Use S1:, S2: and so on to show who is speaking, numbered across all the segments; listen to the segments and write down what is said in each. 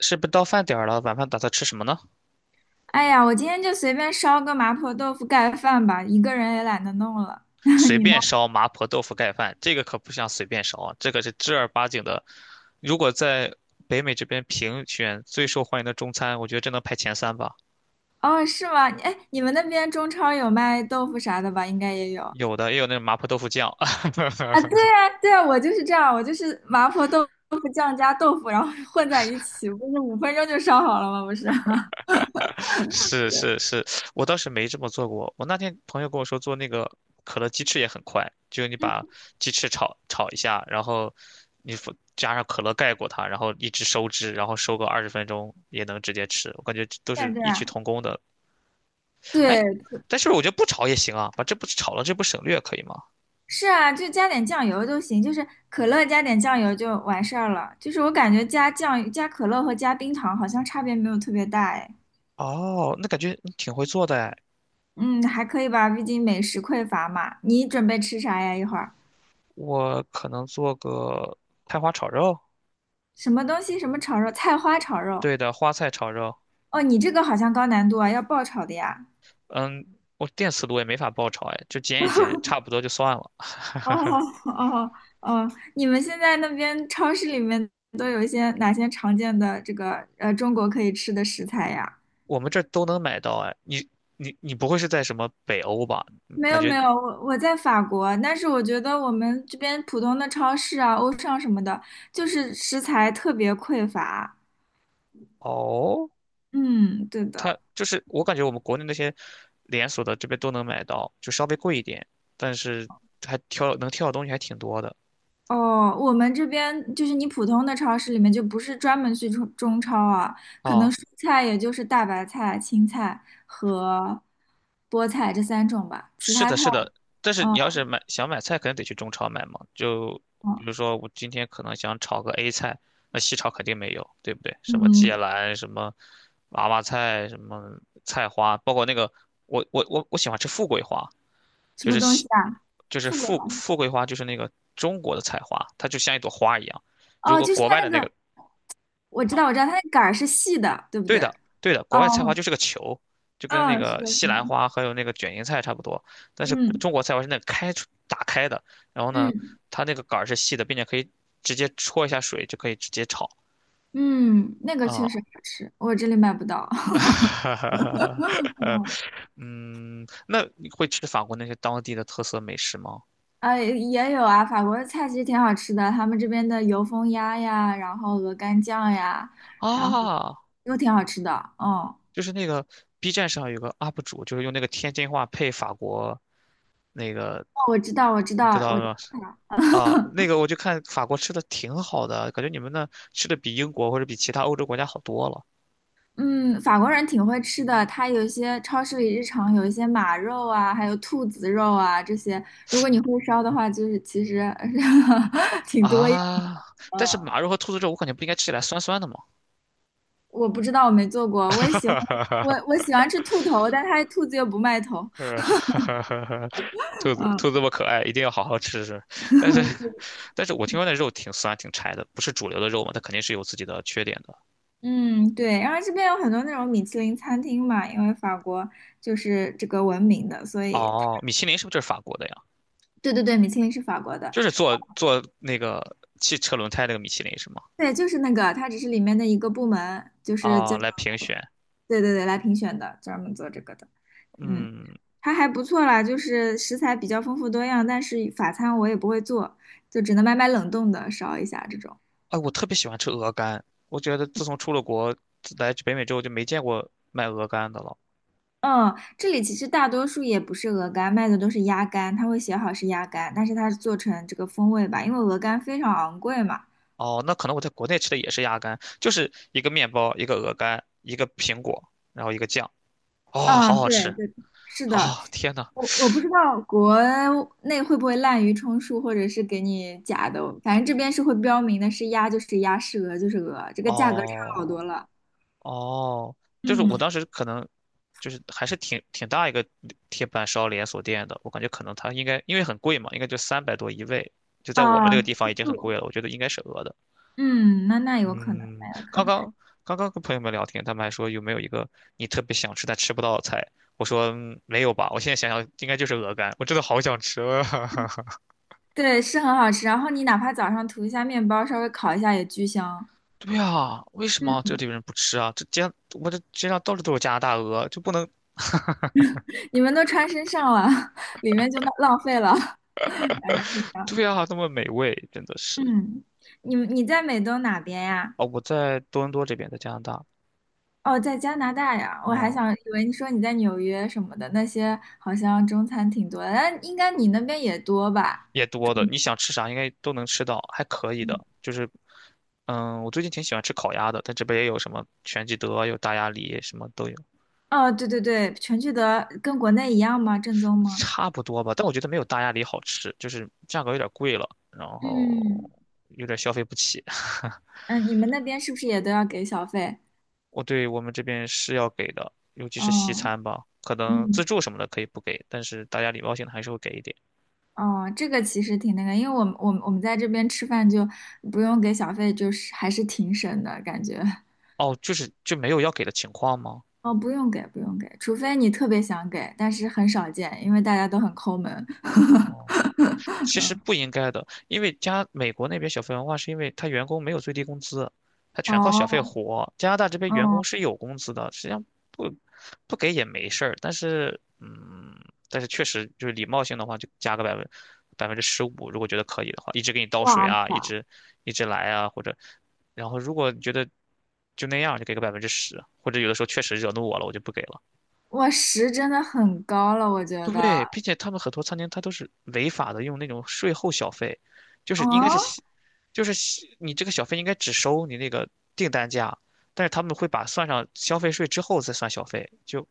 S1: 是不是到饭点儿了？晚饭打算吃什么呢？
S2: 哎呀，我今天就随便烧个麻婆豆腐盖饭吧，一个人也懒得弄了。
S1: 随
S2: 你呢？
S1: 便烧麻婆豆腐盖饭，这个可不像随便烧啊，这个是正儿八经的。如果在北美这边评选最受欢迎的中餐，我觉得这能排前三吧。
S2: 哦，是吗？哎，你们那边中超有卖豆腐啥的吧？应该也有啊。
S1: 有的也有那种麻婆豆腐酱。
S2: 对啊，对啊，我就是这样，我就是麻婆豆腐酱加豆腐，然后混在一起，不是五分钟就烧好了吗？不是。
S1: 是是是，我倒是没这么做过。我那天朋友跟我说，做那个可乐鸡翅也很快，就你把
S2: 嗯，
S1: 鸡翅炒炒一下，然后你放加上可乐盖过它，然后一直收汁，然后收个20分钟也能直接吃。我感觉这都
S2: 对啊
S1: 是
S2: 对
S1: 异曲
S2: 啊，
S1: 同工的。
S2: 对，
S1: 哎，但是我觉得不炒也行啊，把这不炒了，这不省略可以吗？
S2: 是啊，就加点酱油就行，就是可乐加点酱油就完事儿了。就是我感觉加酱、加可乐和加冰糖好像差别没有特别大，哎。
S1: 哦，那感觉你挺会做的哎。
S2: 嗯，还可以吧，毕竟美食匮乏嘛。你准备吃啥呀？一会儿
S1: 我可能做个菜花炒肉，
S2: 什么东西？什么炒肉？菜花炒肉？
S1: 对的，花菜炒肉。
S2: 哦，你这个好像高难度啊，要爆炒的呀。
S1: 嗯，我电磁炉也没法爆炒，哎，就煎一煎，差不多就算了。
S2: 哦哦哦，你们现在那边超市里面都有一些哪些常见的这个中国可以吃的食材呀？
S1: 我们这儿都能买到。哎，你不会是在什么北欧吧？嗯，
S2: 没有没有，我在法国，但是我觉得我们这边普通的超市啊、欧尚什么的，就是食材特别匮乏。
S1: 哦，
S2: 嗯，对的。
S1: 它就是我感觉我们国内那些连锁的这边都能买到，就稍微贵一点，但是能挑的东西还挺多的
S2: 哦，我们这边就是你普通的超市里面就不是专门去中超啊，可能
S1: 啊。
S2: 蔬菜也就是大白菜、青菜和菠菜这三种吧，其
S1: 是
S2: 他
S1: 的，
S2: 菜，
S1: 是的，但是你要
S2: 哦
S1: 是想买菜，肯定得去中超买嘛。就比
S2: 哦，
S1: 如说，我今天可能想炒个 A 菜，那西超肯定没有，对不对？什么芥
S2: 嗯，
S1: 兰，什么娃娃菜，什么菜花，包括那个我喜欢吃富贵花，
S2: 什
S1: 就
S2: 么
S1: 是
S2: 东西
S1: 西
S2: 啊？
S1: 就是
S2: 富贵好
S1: 富
S2: 像
S1: 富贵花，就是那个中国的菜花，它就像一朵花一样。如
S2: 哦，
S1: 果
S2: 就是
S1: 国
S2: 它
S1: 外的
S2: 那
S1: 那
S2: 个，
S1: 个
S2: 我知道我知道，它那杆儿是细的，对不
S1: 对
S2: 对？
S1: 的，对的，国外菜花
S2: 哦，
S1: 就是个球，就跟那
S2: 嗯，是
S1: 个
S2: 的，是
S1: 西
S2: 的，
S1: 兰花还有那个卷心菜差不多。但是
S2: 嗯
S1: 中国菜花是那个打开的，然后呢，
S2: 嗯
S1: 它那个杆儿是细的，并且可以直接戳一下水就可以直接炒
S2: 嗯，那个确实
S1: 啊。
S2: 好吃，我这里买不到。嗯
S1: 嗯，那你会吃法国那些当地的特色美食吗？
S2: 啊，也有啊，法国的菜其实挺好吃的，他们这边的油封鸭呀，然后鹅肝酱呀，然后
S1: 啊，
S2: 都挺好吃的。嗯，哦，
S1: 就是那个 B 站上有个 UP 主，就是用那个天津话配法国那个，
S2: 我知道，我知
S1: 你知
S2: 道，我
S1: 道
S2: 知
S1: 吗？
S2: 道。
S1: 啊，那个我就看法国吃的挺好的，感觉你们那吃的比英国或者比其他欧洲国家好多了
S2: 嗯，法国人挺会吃的，他有一些超市里日常有一些马肉啊，还有兔子肉啊这些，如果你会烧的话，就是其实 挺多样
S1: 啊。但是
S2: 的。
S1: 马肉和兔子肉，我感觉不应该吃起来酸酸的吗？
S2: 我不知道，我没做 过，我
S1: 哈
S2: 也喜欢，
S1: 哈
S2: 我
S1: 哈，
S2: 我喜欢吃兔头，但他兔子又不卖头。
S1: 哈哈哈哈，兔 子，
S2: 嗯。
S1: 兔子这么可爱，一定要好好吃吃。但是，但是我听说那肉挺酸挺柴的，不是主流的肉嘛，它肯定是有自己的缺点的。
S2: 嗯，对，然后这边有很多那种米其林餐厅嘛，因为法国就是这个闻名的，所以它，
S1: 哦，米其林是不是就是法国的呀？
S2: 对对对，米其林是法国的，
S1: 就是做做那个汽车轮胎那个米其林是吗？
S2: 对，就是那个，它只是里面的一个部门，就是叫，
S1: 哦，来评选，
S2: 对对对，来评选的，专门做这个的，嗯，
S1: 嗯。
S2: 它还不错啦，就是食材比较丰富多样，但是法餐我也不会做，就只能买买冷冻的烧一下这种。
S1: 哎，我特别喜欢吃鹅肝，我觉得自从出了国自来北美之后就没见过卖鹅肝的了。
S2: 嗯，这里其实大多数也不是鹅肝，卖的都是鸭肝，它会写好是鸭肝，但是它是做成这个风味吧，因为鹅肝非常昂贵嘛。
S1: 哦，那可能我在国内吃的也是鸭肝，就是一个面包，一个鹅肝，一个苹果，然后一个酱。哦，好
S2: 嗯，
S1: 好吃！
S2: 对对，是的，
S1: 哦，天呐！
S2: 我不知道国内会不会滥竽充数，或者是给你假的，反正这边是会标明的是鸭就是鸭，是鹅就是鹅，这个价格差好
S1: 哦
S2: 多了。
S1: 哦，就是我
S2: 嗯，
S1: 当时可能就是还是挺大一个铁板烧连锁店的，我感觉可能它应该因为很贵嘛，应该就300多一位，就在我们
S2: 啊，
S1: 这个地方
S2: 吃
S1: 已经很
S2: 素
S1: 贵了，我觉得应该是鹅的。
S2: 嗯，那那有可能，
S1: 嗯，刚刚跟朋友们聊天，他们还说有没有一个你特别想吃但吃不到的菜？我说嗯，没有吧，我现在想想应该就是鹅肝，我真的好想吃啊。
S2: 对，是很好吃，然后你哪怕早上涂一下面包，稍微烤一下也巨香。
S1: 对啊，为什么
S2: 嗯。
S1: 这里人不吃啊？这街上我这街上到处都是加拿大鹅，就不能
S2: 你们都穿身上了，里面就浪费了。是的，
S1: 对啊，那么美味，真的是
S2: 嗯，你你在美东哪边呀？
S1: 哦。我在多伦多这边，在加拿大。
S2: 哦，在加拿大呀。我还
S1: 哦，
S2: 想以为你说你在纽约什么的，那些好像中餐挺多的，但应该你那边也多吧？
S1: 也多的，你想吃啥应该都能吃到，还可以
S2: 嗯，
S1: 的。就是我最近挺喜欢吃烤鸭的，但这边也有什么全聚德，有大鸭梨，什么都有。
S2: 哦，对对对，全聚德跟国内一样吗？正宗吗？
S1: 差不多吧，但我觉得没有大鸭梨好吃，就是价格有点贵了，然后
S2: 嗯
S1: 有点消费不起。
S2: 嗯，你们那边是不是也都要给小费？
S1: 对，我们这边是要给的，尤其是西
S2: 哦，
S1: 餐吧，可能
S2: 嗯。
S1: 自助什么的可以不给，但是大家礼貌性的还是会给一点。
S2: 哦，这个其实挺那个，因为我们在这边吃饭就不用给小费，就是还是挺省的感觉。
S1: 哦，就是就没有要给的情况吗？
S2: 哦，不用给，不用给，除非你特别想给，但是很少见，因为大家都很抠门。
S1: 哦，其实不应该的，因为加美国那边小费文化是因为他员工没有最低工资，他全靠小费
S2: 哦，
S1: 活。加拿大这边员
S2: 嗯，
S1: 工是有工资的，实际上不不给也没事儿，但是嗯，但是确实就是礼貌性的话，就加个15%。如果觉得可以的话，一直给你倒水
S2: 哇
S1: 啊，一
S2: 塞，
S1: 直一直来啊，或者然后如果觉得就那样，就给个百分之十，或者有的时候确实惹怒我了，我就不给了。
S2: 我十真的很高了，我觉得。
S1: 对，并且他们很多餐厅它都是违法的，用那种税后小费，就是
S2: 哦，
S1: 应该是西就是西你这个小费应该只收你那个订单价，但是他们会把算上消费税之后再算小费。就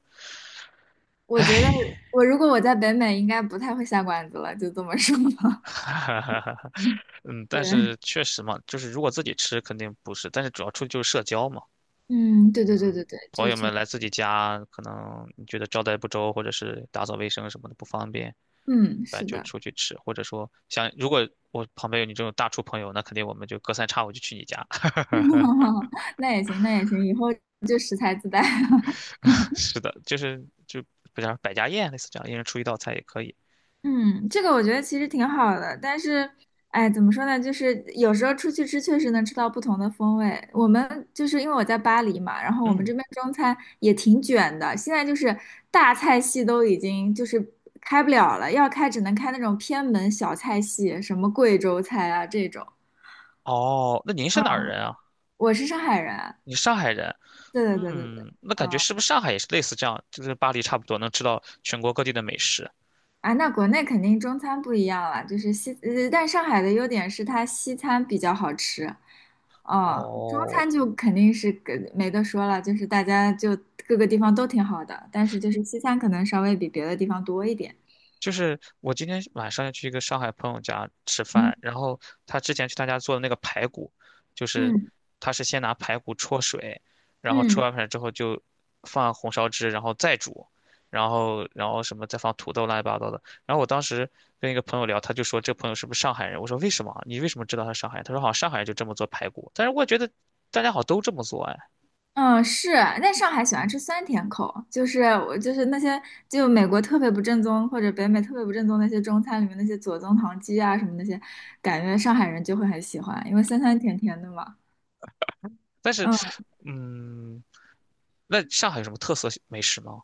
S2: 我觉得
S1: 唉。
S2: 我如果我在北美，应该不太会下馆子了，就这么说吧。嗯，
S1: 嗯，但
S2: 对，
S1: 是确实嘛，就是如果自己吃肯定不是，但是主要出去就是社交嘛。
S2: 嗯，对对对
S1: 嗯，
S2: 对对，
S1: 朋
S2: 这
S1: 友
S2: 确，
S1: 们来自己家，可能你觉得招待不周或者是打扫卫生什么的不方便，
S2: 嗯，
S1: 反正
S2: 是
S1: 就
S2: 的，
S1: 出去吃，或者说像如果我旁边有你这种大厨朋友，那肯定我们就隔三差五就去你家。
S2: 那也行，那也行，以后就食材自带。
S1: 是的，就是就不叫百家宴类似这样，一人出一道菜也可以。
S2: 嗯，这个我觉得其实挺好的，但是，哎，怎么说呢？就是有时候出去吃，确实能吃到不同的风味。我们就是因为我在巴黎嘛，然后我们
S1: 嗯。
S2: 这边中餐也挺卷的，现在就是大菜系都已经就是开不了了，要开只能开那种偏门小菜系，什么贵州菜啊这种。
S1: 哦，那您是哪儿人啊？
S2: 我是上海人，
S1: 你是上海人？
S2: 对对对对对，
S1: 嗯，那感觉
S2: 嗯。
S1: 是不是上海也是类似这样，就是巴黎差不多能吃到全国各地的美食？
S2: 啊，那国内肯定中餐不一样了，就是西，但上海的优点是它西餐比较好吃，哦，中
S1: 哦。
S2: 餐就肯定是跟没得说了，就是大家就各个地方都挺好的，但是就是西餐可能稍微比别的地方多一点。
S1: 就是我今天晚上要去一个上海朋友家吃
S2: 嗯
S1: 饭，然后他之前去他家做的那个排骨，就是
S2: 嗯
S1: 他是先拿排骨焯水，然后焯
S2: 嗯
S1: 完水之后就放红烧汁，然后再煮，然后什么再放土豆乱七八糟的。然后我当时跟一个朋友聊，他就说这朋友是不是上海人？我说为什么啊？你为什么知道他是上海人？他说好像上海人就这么做排骨，但是我觉得大家好像都这么做哎。
S2: 嗯，是啊，那上海喜欢吃酸甜口，就是我就是那些就美国特别不正宗或者北美特别不正宗那些中餐里面那些左宗棠鸡啊什么那些，感觉上海人就会很喜欢，因为酸酸甜甜的嘛。
S1: 但是，
S2: 嗯。
S1: 嗯，那上海有什么特色美食吗？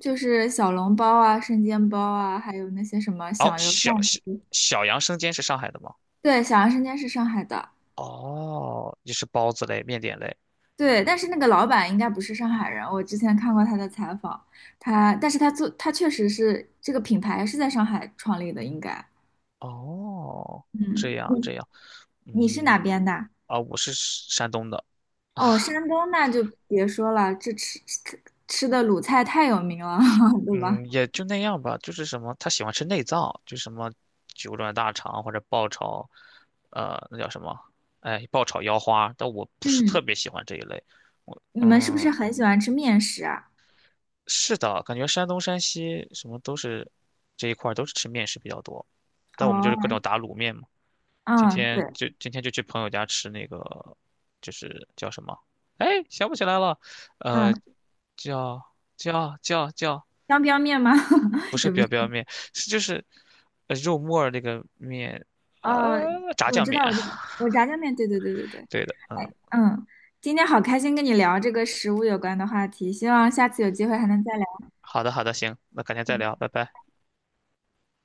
S2: 就是小笼包啊、生煎包啊，还有那些什么
S1: 哦，
S2: 响油鳝丝。
S1: 小杨生煎是上海的吗？
S2: 对，响油生煎是上海的，
S1: 哦，也是包子类、面点类。
S2: 对，但是那个老板应该不是上海人，我之前看过他的采访，他，但是他做，他确实是这个品牌是在上海创立的，应该。
S1: 哦，这
S2: 嗯，
S1: 样这
S2: 你
S1: 样，
S2: 你是哪
S1: 嗯。
S2: 边的？
S1: 啊，我是山东的。
S2: 哦，山 东那就别说了，这吃的鲁菜太有名了，对吧？
S1: 嗯，也就那样吧。就是什么，他喜欢吃内脏，就什么九转大肠或者爆炒，呃，那叫什么？哎，爆炒腰花。但我不是特
S2: 嗯，
S1: 别喜欢这一类。我
S2: 你们是不
S1: 嗯，
S2: 是很喜欢吃面食啊？
S1: 是的，感觉山东、山西什么都是这一块儿都是吃面食比较多，但我们就是各
S2: 哦，
S1: 种打卤面嘛。今
S2: 嗯，
S1: 天
S2: 对，
S1: 就今天就去朋友家吃那个，就是叫什么？哎，想不起来了，呃，
S2: 嗯，
S1: 叫叫，
S2: 江边面吗？
S1: 不是 表面，是就是肉沫那个面，
S2: 哦，
S1: 炸
S2: 我
S1: 酱
S2: 知
S1: 面。
S2: 道，我知道，我炸酱面，对对对对对，
S1: 对的，嗯。
S2: 哎，嗯，今天好开心跟你聊这个食物有关的话题，希望下次有机会还能再聊。
S1: 好的好的，行，那改天再聊，
S2: 嗯
S1: 拜拜。